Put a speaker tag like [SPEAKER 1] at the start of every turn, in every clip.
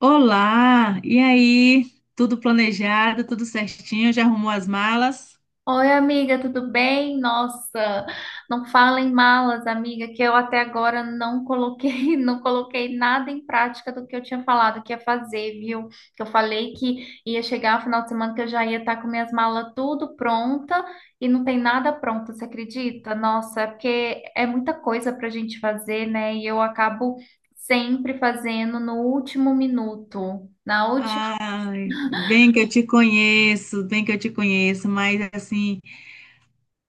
[SPEAKER 1] Olá, e aí? Tudo planejado, tudo certinho? Já arrumou as malas?
[SPEAKER 2] Oi, amiga, tudo bem? Nossa, não fala em malas, amiga, que eu até agora não coloquei, não coloquei nada em prática do que eu tinha falado que ia fazer, viu? Que eu falei que ia chegar no final de semana que eu já ia estar com minhas malas tudo pronta e não tem nada pronto, você acredita? Nossa, é porque é muita coisa pra gente fazer, né? E eu acabo sempre fazendo no último minuto, na.
[SPEAKER 1] Ai, bem que eu te conheço, bem que eu te conheço, mas assim,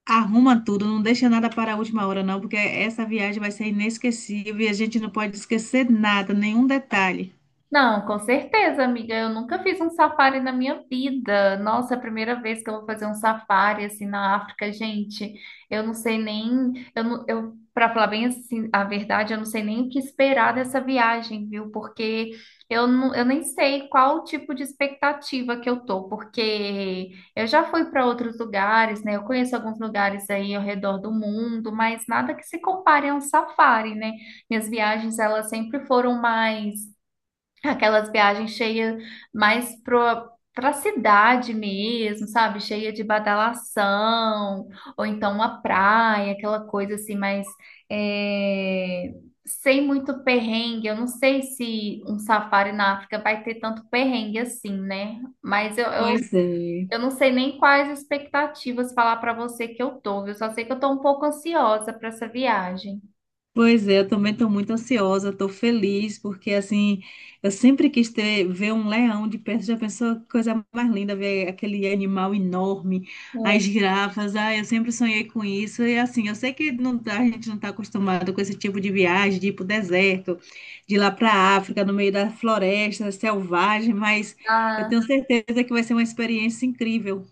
[SPEAKER 1] arruma tudo, não deixa nada para a última hora, não, porque essa viagem vai ser inesquecível e a gente não pode esquecer nada, nenhum detalhe.
[SPEAKER 2] Não, com certeza, amiga. Eu nunca fiz um safari na minha vida. Nossa, é a primeira vez que eu vou fazer um safari assim na África, gente. Eu não sei nem, eu, não- eu para falar bem assim, a verdade, eu não sei nem o que esperar dessa viagem, viu? Porque eu nem sei qual tipo de expectativa que eu tô, porque eu já fui para outros lugares, né? Eu conheço alguns lugares aí ao redor do mundo, mas nada que se compare a um safari, né? Minhas viagens, elas sempre foram mais. Aquelas viagens cheias mais pro, pra cidade mesmo, sabe? Cheia de badalação, ou então uma praia, aquela coisa assim, mas é, sem muito perrengue. Eu não sei se um safari na África vai ter tanto perrengue assim, né? Mas
[SPEAKER 1] Pois é.
[SPEAKER 2] eu não sei nem quais expectativas falar pra você que eu tô, viu? Eu só sei que eu tô um pouco ansiosa pra essa viagem.
[SPEAKER 1] Pois é, eu também estou muito ansiosa, estou feliz, porque assim, eu sempre quis ver um leão de perto, já pensou que coisa mais linda, ver aquele animal enorme, as
[SPEAKER 2] É.
[SPEAKER 1] girafas, ah, eu sempre sonhei com isso, e assim, eu sei que não, a gente não está acostumado com esse tipo de viagem, de ir para o deserto, de ir lá para a África, no meio da floresta selvagem, mas eu tenho certeza que vai ser uma experiência incrível.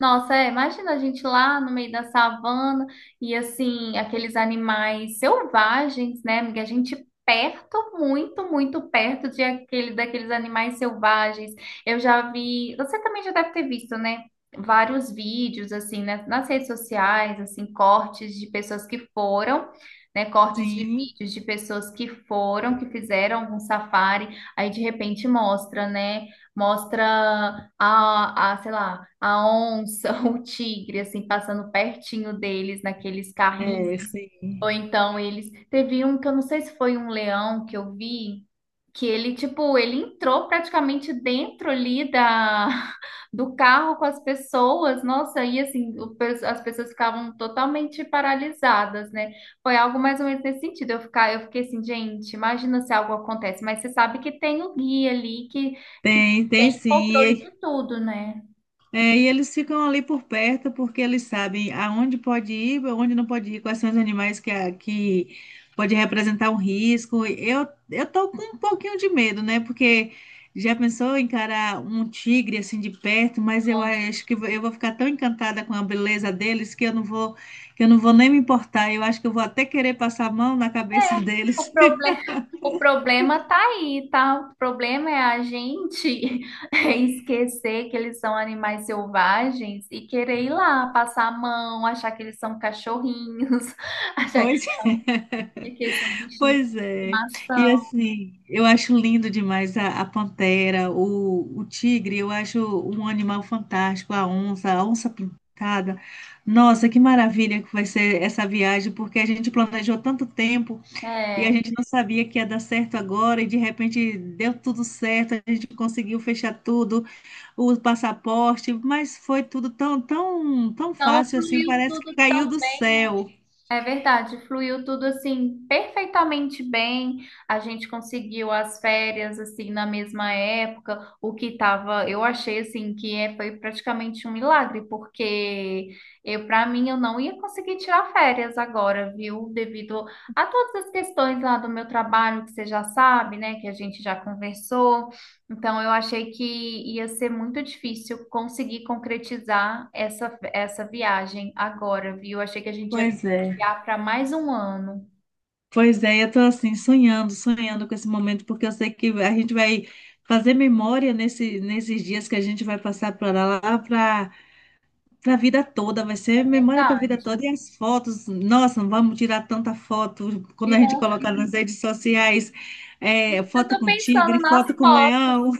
[SPEAKER 2] Nossa, é, imagina a gente lá no meio da savana e assim, aqueles animais selvagens, né, amiga? A gente perto, muito perto de aquele, daqueles animais selvagens. Eu já vi, você também já deve ter visto, né? Vários vídeos, assim, né, nas redes sociais, assim, cortes de pessoas que foram, né? Cortes de
[SPEAKER 1] Sim,
[SPEAKER 2] vídeos de pessoas que foram, que fizeram algum safari, aí de repente mostra, né? Mostra sei lá, a onça, o tigre, assim, passando pertinho deles naqueles
[SPEAKER 1] é,
[SPEAKER 2] carrinhos. Ou
[SPEAKER 1] sim.
[SPEAKER 2] então eles. Teve um que eu não sei se foi um leão que eu vi, que ele, tipo, ele entrou praticamente dentro ali do carro com as pessoas. Nossa, aí assim, as pessoas ficavam totalmente paralisadas, né? Foi algo mais ou menos nesse sentido. Eu fiquei assim, gente, imagina se algo acontece, mas você sabe que tem o guia ali que. Que
[SPEAKER 1] Tem, tem
[SPEAKER 2] controle
[SPEAKER 1] sim.
[SPEAKER 2] de tudo, né?
[SPEAKER 1] É, e eles ficam ali por perto porque eles sabem aonde pode ir, aonde não pode ir, quais são os animais que pode representar um risco. Eu tô com um pouquinho de medo, né? Porque já pensou em encarar um tigre assim de perto, mas eu acho que eu vou ficar tão encantada com a beleza deles que eu não vou, que eu não vou nem me importar. Eu acho que eu vou até querer passar a mão na cabeça
[SPEAKER 2] É, o
[SPEAKER 1] deles
[SPEAKER 2] problema, o problema tá aí, tá? O problema é a gente esquecer que eles são animais selvagens e querer ir lá, passar a mão, achar que eles são cachorrinhos, achar que,
[SPEAKER 1] depois.
[SPEAKER 2] que eles são bichinhos de
[SPEAKER 1] Pois é. E
[SPEAKER 2] estimação.
[SPEAKER 1] assim, eu acho lindo demais a pantera, o tigre, eu acho um animal fantástico, a onça pintada. Nossa, que maravilha que vai ser essa viagem, porque a gente planejou tanto tempo e a
[SPEAKER 2] É.
[SPEAKER 1] gente não sabia que ia dar certo agora, e de repente deu tudo certo, a gente conseguiu fechar tudo, o passaporte, mas foi tudo tão, tão, tão
[SPEAKER 2] Então,
[SPEAKER 1] fácil assim,
[SPEAKER 2] fluiu
[SPEAKER 1] parece que
[SPEAKER 2] tudo
[SPEAKER 1] caiu
[SPEAKER 2] tão.
[SPEAKER 1] do céu.
[SPEAKER 2] É verdade, fluiu tudo assim perfeitamente bem. A gente conseguiu as férias assim na mesma época, o que tava, eu achei assim que é, foi praticamente um milagre, porque eu para mim eu não ia conseguir tirar férias agora, viu? Devido a todas as questões lá do meu trabalho que você já sabe, né, que a gente já conversou. Então eu achei que ia ser muito difícil conseguir concretizar essa viagem agora, viu? Achei que a gente ia
[SPEAKER 1] Pois é.
[SPEAKER 2] adiar para mais um ano.
[SPEAKER 1] Pois é, eu tô assim, sonhando, sonhando com esse momento, porque eu sei que a gente vai fazer memória nesses dias que a gente vai passar para lá, para a vida toda, vai
[SPEAKER 2] É
[SPEAKER 1] ser memória para a vida
[SPEAKER 2] verdade.
[SPEAKER 1] toda. E as fotos, nossa, não vamos tirar tanta foto quando
[SPEAKER 2] E
[SPEAKER 1] a gente
[SPEAKER 2] não,
[SPEAKER 1] colocar nas redes sociais, é,
[SPEAKER 2] eu
[SPEAKER 1] foto
[SPEAKER 2] tô
[SPEAKER 1] com
[SPEAKER 2] pensando
[SPEAKER 1] tigre,
[SPEAKER 2] nas
[SPEAKER 1] foto com
[SPEAKER 2] fotos.
[SPEAKER 1] leão.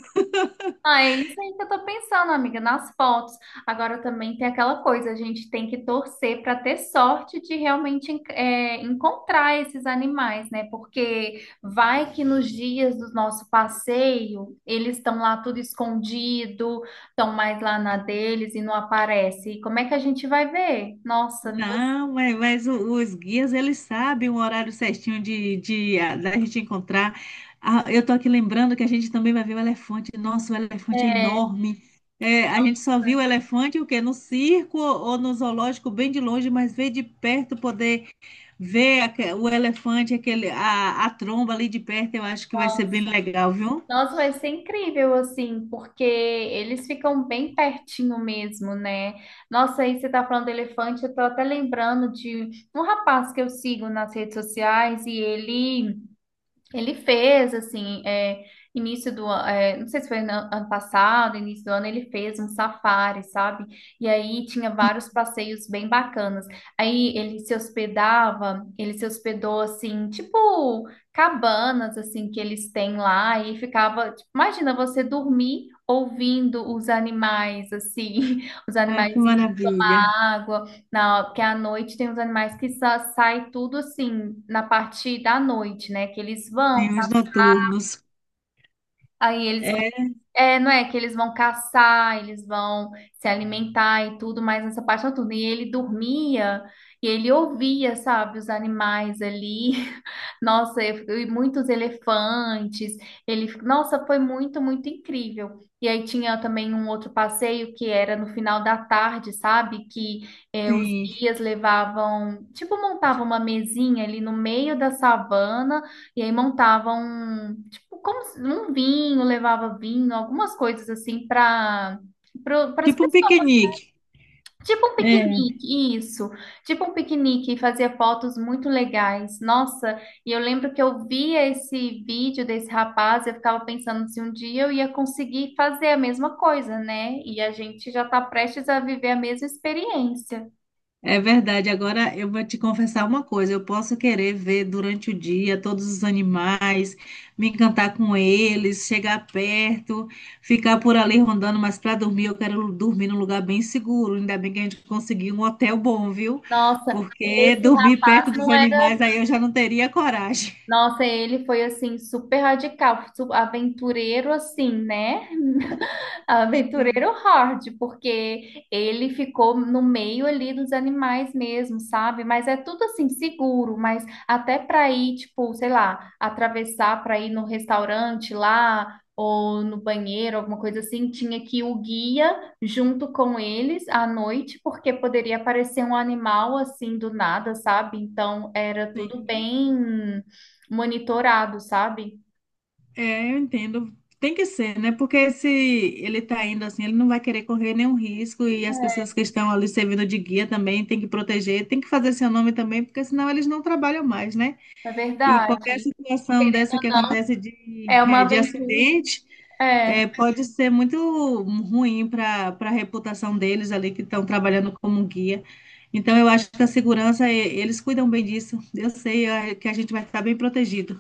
[SPEAKER 2] Ah, é isso aí que eu tô pensando, amiga, nas fotos. Agora também tem aquela coisa, a gente tem que torcer para ter sorte de realmente é, encontrar esses animais, né? Porque vai que nos dias do nosso passeio eles estão lá tudo escondido, estão mais lá na deles e não aparece. E como é que a gente vai ver? Nossa, meu...
[SPEAKER 1] Não, mas os guias, eles sabem o horário certinho da gente encontrar. Ah, eu tô aqui lembrando que a gente também vai ver o elefante. Nossa, o elefante é
[SPEAKER 2] É.
[SPEAKER 1] enorme. É, a gente só viu o elefante o quê? No circo ou no zoológico, bem de longe, mas ver de perto, poder o elefante, aquele, a tromba ali de perto, eu acho que vai ser
[SPEAKER 2] Então,
[SPEAKER 1] bem legal, viu?
[SPEAKER 2] nossa, vai ser incrível, assim, porque eles ficam bem pertinho mesmo, né? Nossa, aí você tá falando do elefante, eu tô até lembrando de um rapaz que eu sigo nas redes sociais e ele. Ele fez, assim, é, início do ano, não sei se foi no ano passado, início do ano, ele fez um safari, sabe? E aí tinha vários passeios bem bacanas. Aí ele se hospedou, assim, tipo cabanas, assim, que eles têm lá, e ficava, tipo, imagina você dormir ouvindo os animais, assim, os
[SPEAKER 1] Ai,
[SPEAKER 2] animais
[SPEAKER 1] que
[SPEAKER 2] indo
[SPEAKER 1] maravilha.
[SPEAKER 2] na água, na, porque à noite tem os animais que sai tudo, assim, na parte da noite, né, que eles vão.
[SPEAKER 1] Sim, os noturnos.
[SPEAKER 2] Aí eles vão,
[SPEAKER 1] É,
[SPEAKER 2] é, não é que eles vão caçar, eles vão se alimentar e tudo, mas nessa parte é noturna. E ele dormia e ele ouvia, sabe, os animais ali. Nossa, eu- e muitos elefantes. Ele, nossa, foi muito, muito incrível. E aí tinha também um outro passeio que era no final da tarde, sabe? Que é, os
[SPEAKER 1] sim.
[SPEAKER 2] guias levavam, tipo, montavam uma mesinha ali no meio da savana. E aí montavam, tipo, como se- um vinho, levava vinho, algumas coisas assim para as
[SPEAKER 1] Tipo um
[SPEAKER 2] pessoas.
[SPEAKER 1] piquenique.
[SPEAKER 2] Tipo um
[SPEAKER 1] É.
[SPEAKER 2] piquenique, isso. Tipo um piquenique, e fazia fotos muito legais. Nossa, e eu lembro que eu via esse vídeo desse rapaz, eu ficava pensando se um dia eu ia conseguir fazer a mesma coisa, né? E a gente já está prestes a viver a mesma experiência.
[SPEAKER 1] É verdade. Agora eu vou te confessar uma coisa. Eu posso querer ver durante o dia todos os animais, me encantar com eles, chegar perto, ficar por ali rondando, mas para dormir eu quero dormir num lugar bem seguro. Ainda bem que a gente conseguiu um hotel bom, viu?
[SPEAKER 2] Nossa,
[SPEAKER 1] Porque
[SPEAKER 2] esse
[SPEAKER 1] dormir
[SPEAKER 2] rapaz
[SPEAKER 1] perto dos
[SPEAKER 2] não era.
[SPEAKER 1] animais aí eu já não teria coragem.
[SPEAKER 2] Nossa, ele foi assim super radical, aventureiro assim, né?
[SPEAKER 1] Sim.
[SPEAKER 2] Aventureiro hard, porque ele ficou no meio ali dos animais mesmo, sabe? Mas é tudo assim seguro, mas até para ir, tipo, sei lá, atravessar para ir no restaurante lá ou no banheiro, alguma coisa assim, tinha que ir o guia junto com eles à noite, porque poderia aparecer um animal assim do nada, sabe? Então era tudo bem monitorado, sabe?
[SPEAKER 1] É, eu entendo. Tem que ser, né? Porque se ele tá indo assim, ele não vai querer correr nenhum risco e as pessoas que estão ali servindo de guia também tem que proteger, tem que fazer seu nome também, porque senão eles não trabalham mais, né?
[SPEAKER 2] É
[SPEAKER 1] E qualquer
[SPEAKER 2] verdade.
[SPEAKER 1] situação dessa que acontece de,
[SPEAKER 2] É uma
[SPEAKER 1] eh, de
[SPEAKER 2] aventura.
[SPEAKER 1] acidente,
[SPEAKER 2] É.
[SPEAKER 1] pode ser muito ruim para a reputação deles ali que estão trabalhando como guia. Então, eu acho que a segurança, eles cuidam bem disso. Eu sei, que a gente vai estar bem protegido.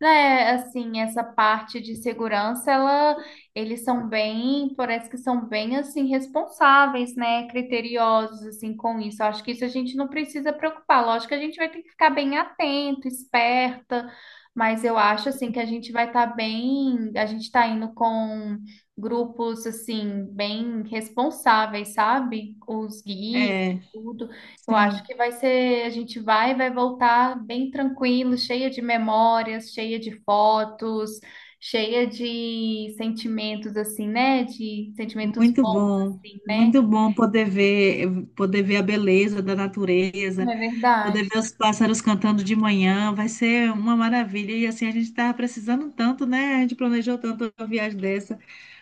[SPEAKER 2] É, assim, essa parte de segurança, ela, eles são bem, parece que são bem, assim, responsáveis, né, criteriosos, assim, com isso. Eu acho que isso a gente não precisa preocupar. Lógico que a gente vai ter que ficar bem atento, esperta, mas eu acho, assim, que a gente vai estar bem, a gente está indo com grupos, assim, bem responsáveis, sabe? Os guias,
[SPEAKER 1] É,
[SPEAKER 2] tudo. Eu acho
[SPEAKER 1] sim.
[SPEAKER 2] que vai ser, vai voltar bem tranquilo, cheia de memórias, cheia de fotos, cheia de sentimentos assim, né? De sentimentos bons assim, né?
[SPEAKER 1] Muito bom poder ver a beleza da natureza,
[SPEAKER 2] É verdade.
[SPEAKER 1] poder ver os pássaros cantando de manhã, vai ser uma maravilha. E assim, a gente estava precisando tanto, né? A gente planejou tanto uma viagem dessa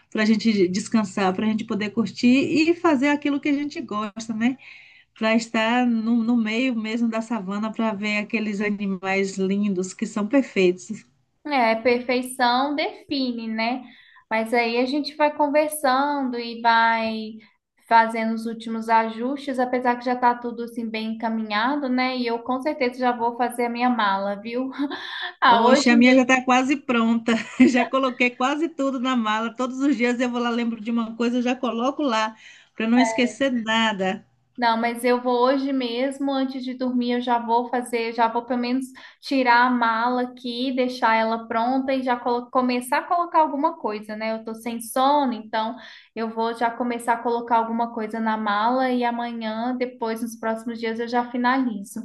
[SPEAKER 1] para a gente descansar, para a gente poder curtir e fazer aquilo que a gente gosta, né? Para estar no meio mesmo da savana, para ver aqueles animais lindos que são perfeitos.
[SPEAKER 2] É, perfeição define, né? Mas aí a gente vai conversando e vai fazendo os últimos ajustes, apesar que já tá tudo assim bem encaminhado, né? E eu com certeza já vou fazer a minha mala, viu? Ah, hoje.
[SPEAKER 1] Oxe, a minha já está quase pronta. Já coloquei quase tudo na mala. Todos os dias eu vou lá, lembro de uma coisa, eu já coloco lá, para não esquecer nada.
[SPEAKER 2] Não, mas eu vou hoje mesmo, antes de dormir, eu já vou fazer, já vou pelo menos tirar a mala aqui, deixar ela pronta e já começar a colocar alguma coisa, né? Eu tô sem sono, então eu vou já começar a colocar alguma coisa na mala e amanhã, depois, nos próximos dias, eu já finalizo.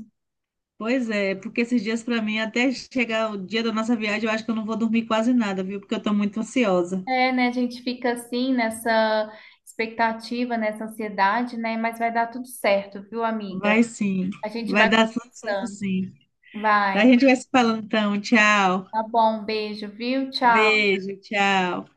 [SPEAKER 1] Pois é, porque esses dias para mim, até chegar o dia da nossa viagem, eu acho que eu não vou dormir quase nada, viu? Porque eu estou muito ansiosa.
[SPEAKER 2] É, né? A gente fica assim nessa expectativa, nessa ansiedade, né? Mas vai dar tudo certo, viu, amiga?
[SPEAKER 1] Vai sim,
[SPEAKER 2] A gente
[SPEAKER 1] vai
[SPEAKER 2] vai
[SPEAKER 1] dar tudo certo
[SPEAKER 2] conversando.
[SPEAKER 1] sim. A
[SPEAKER 2] Vai.
[SPEAKER 1] gente vai se falando então. Tchau.
[SPEAKER 2] Tá bom, um beijo, viu? Tchau.
[SPEAKER 1] Beijo, tchau.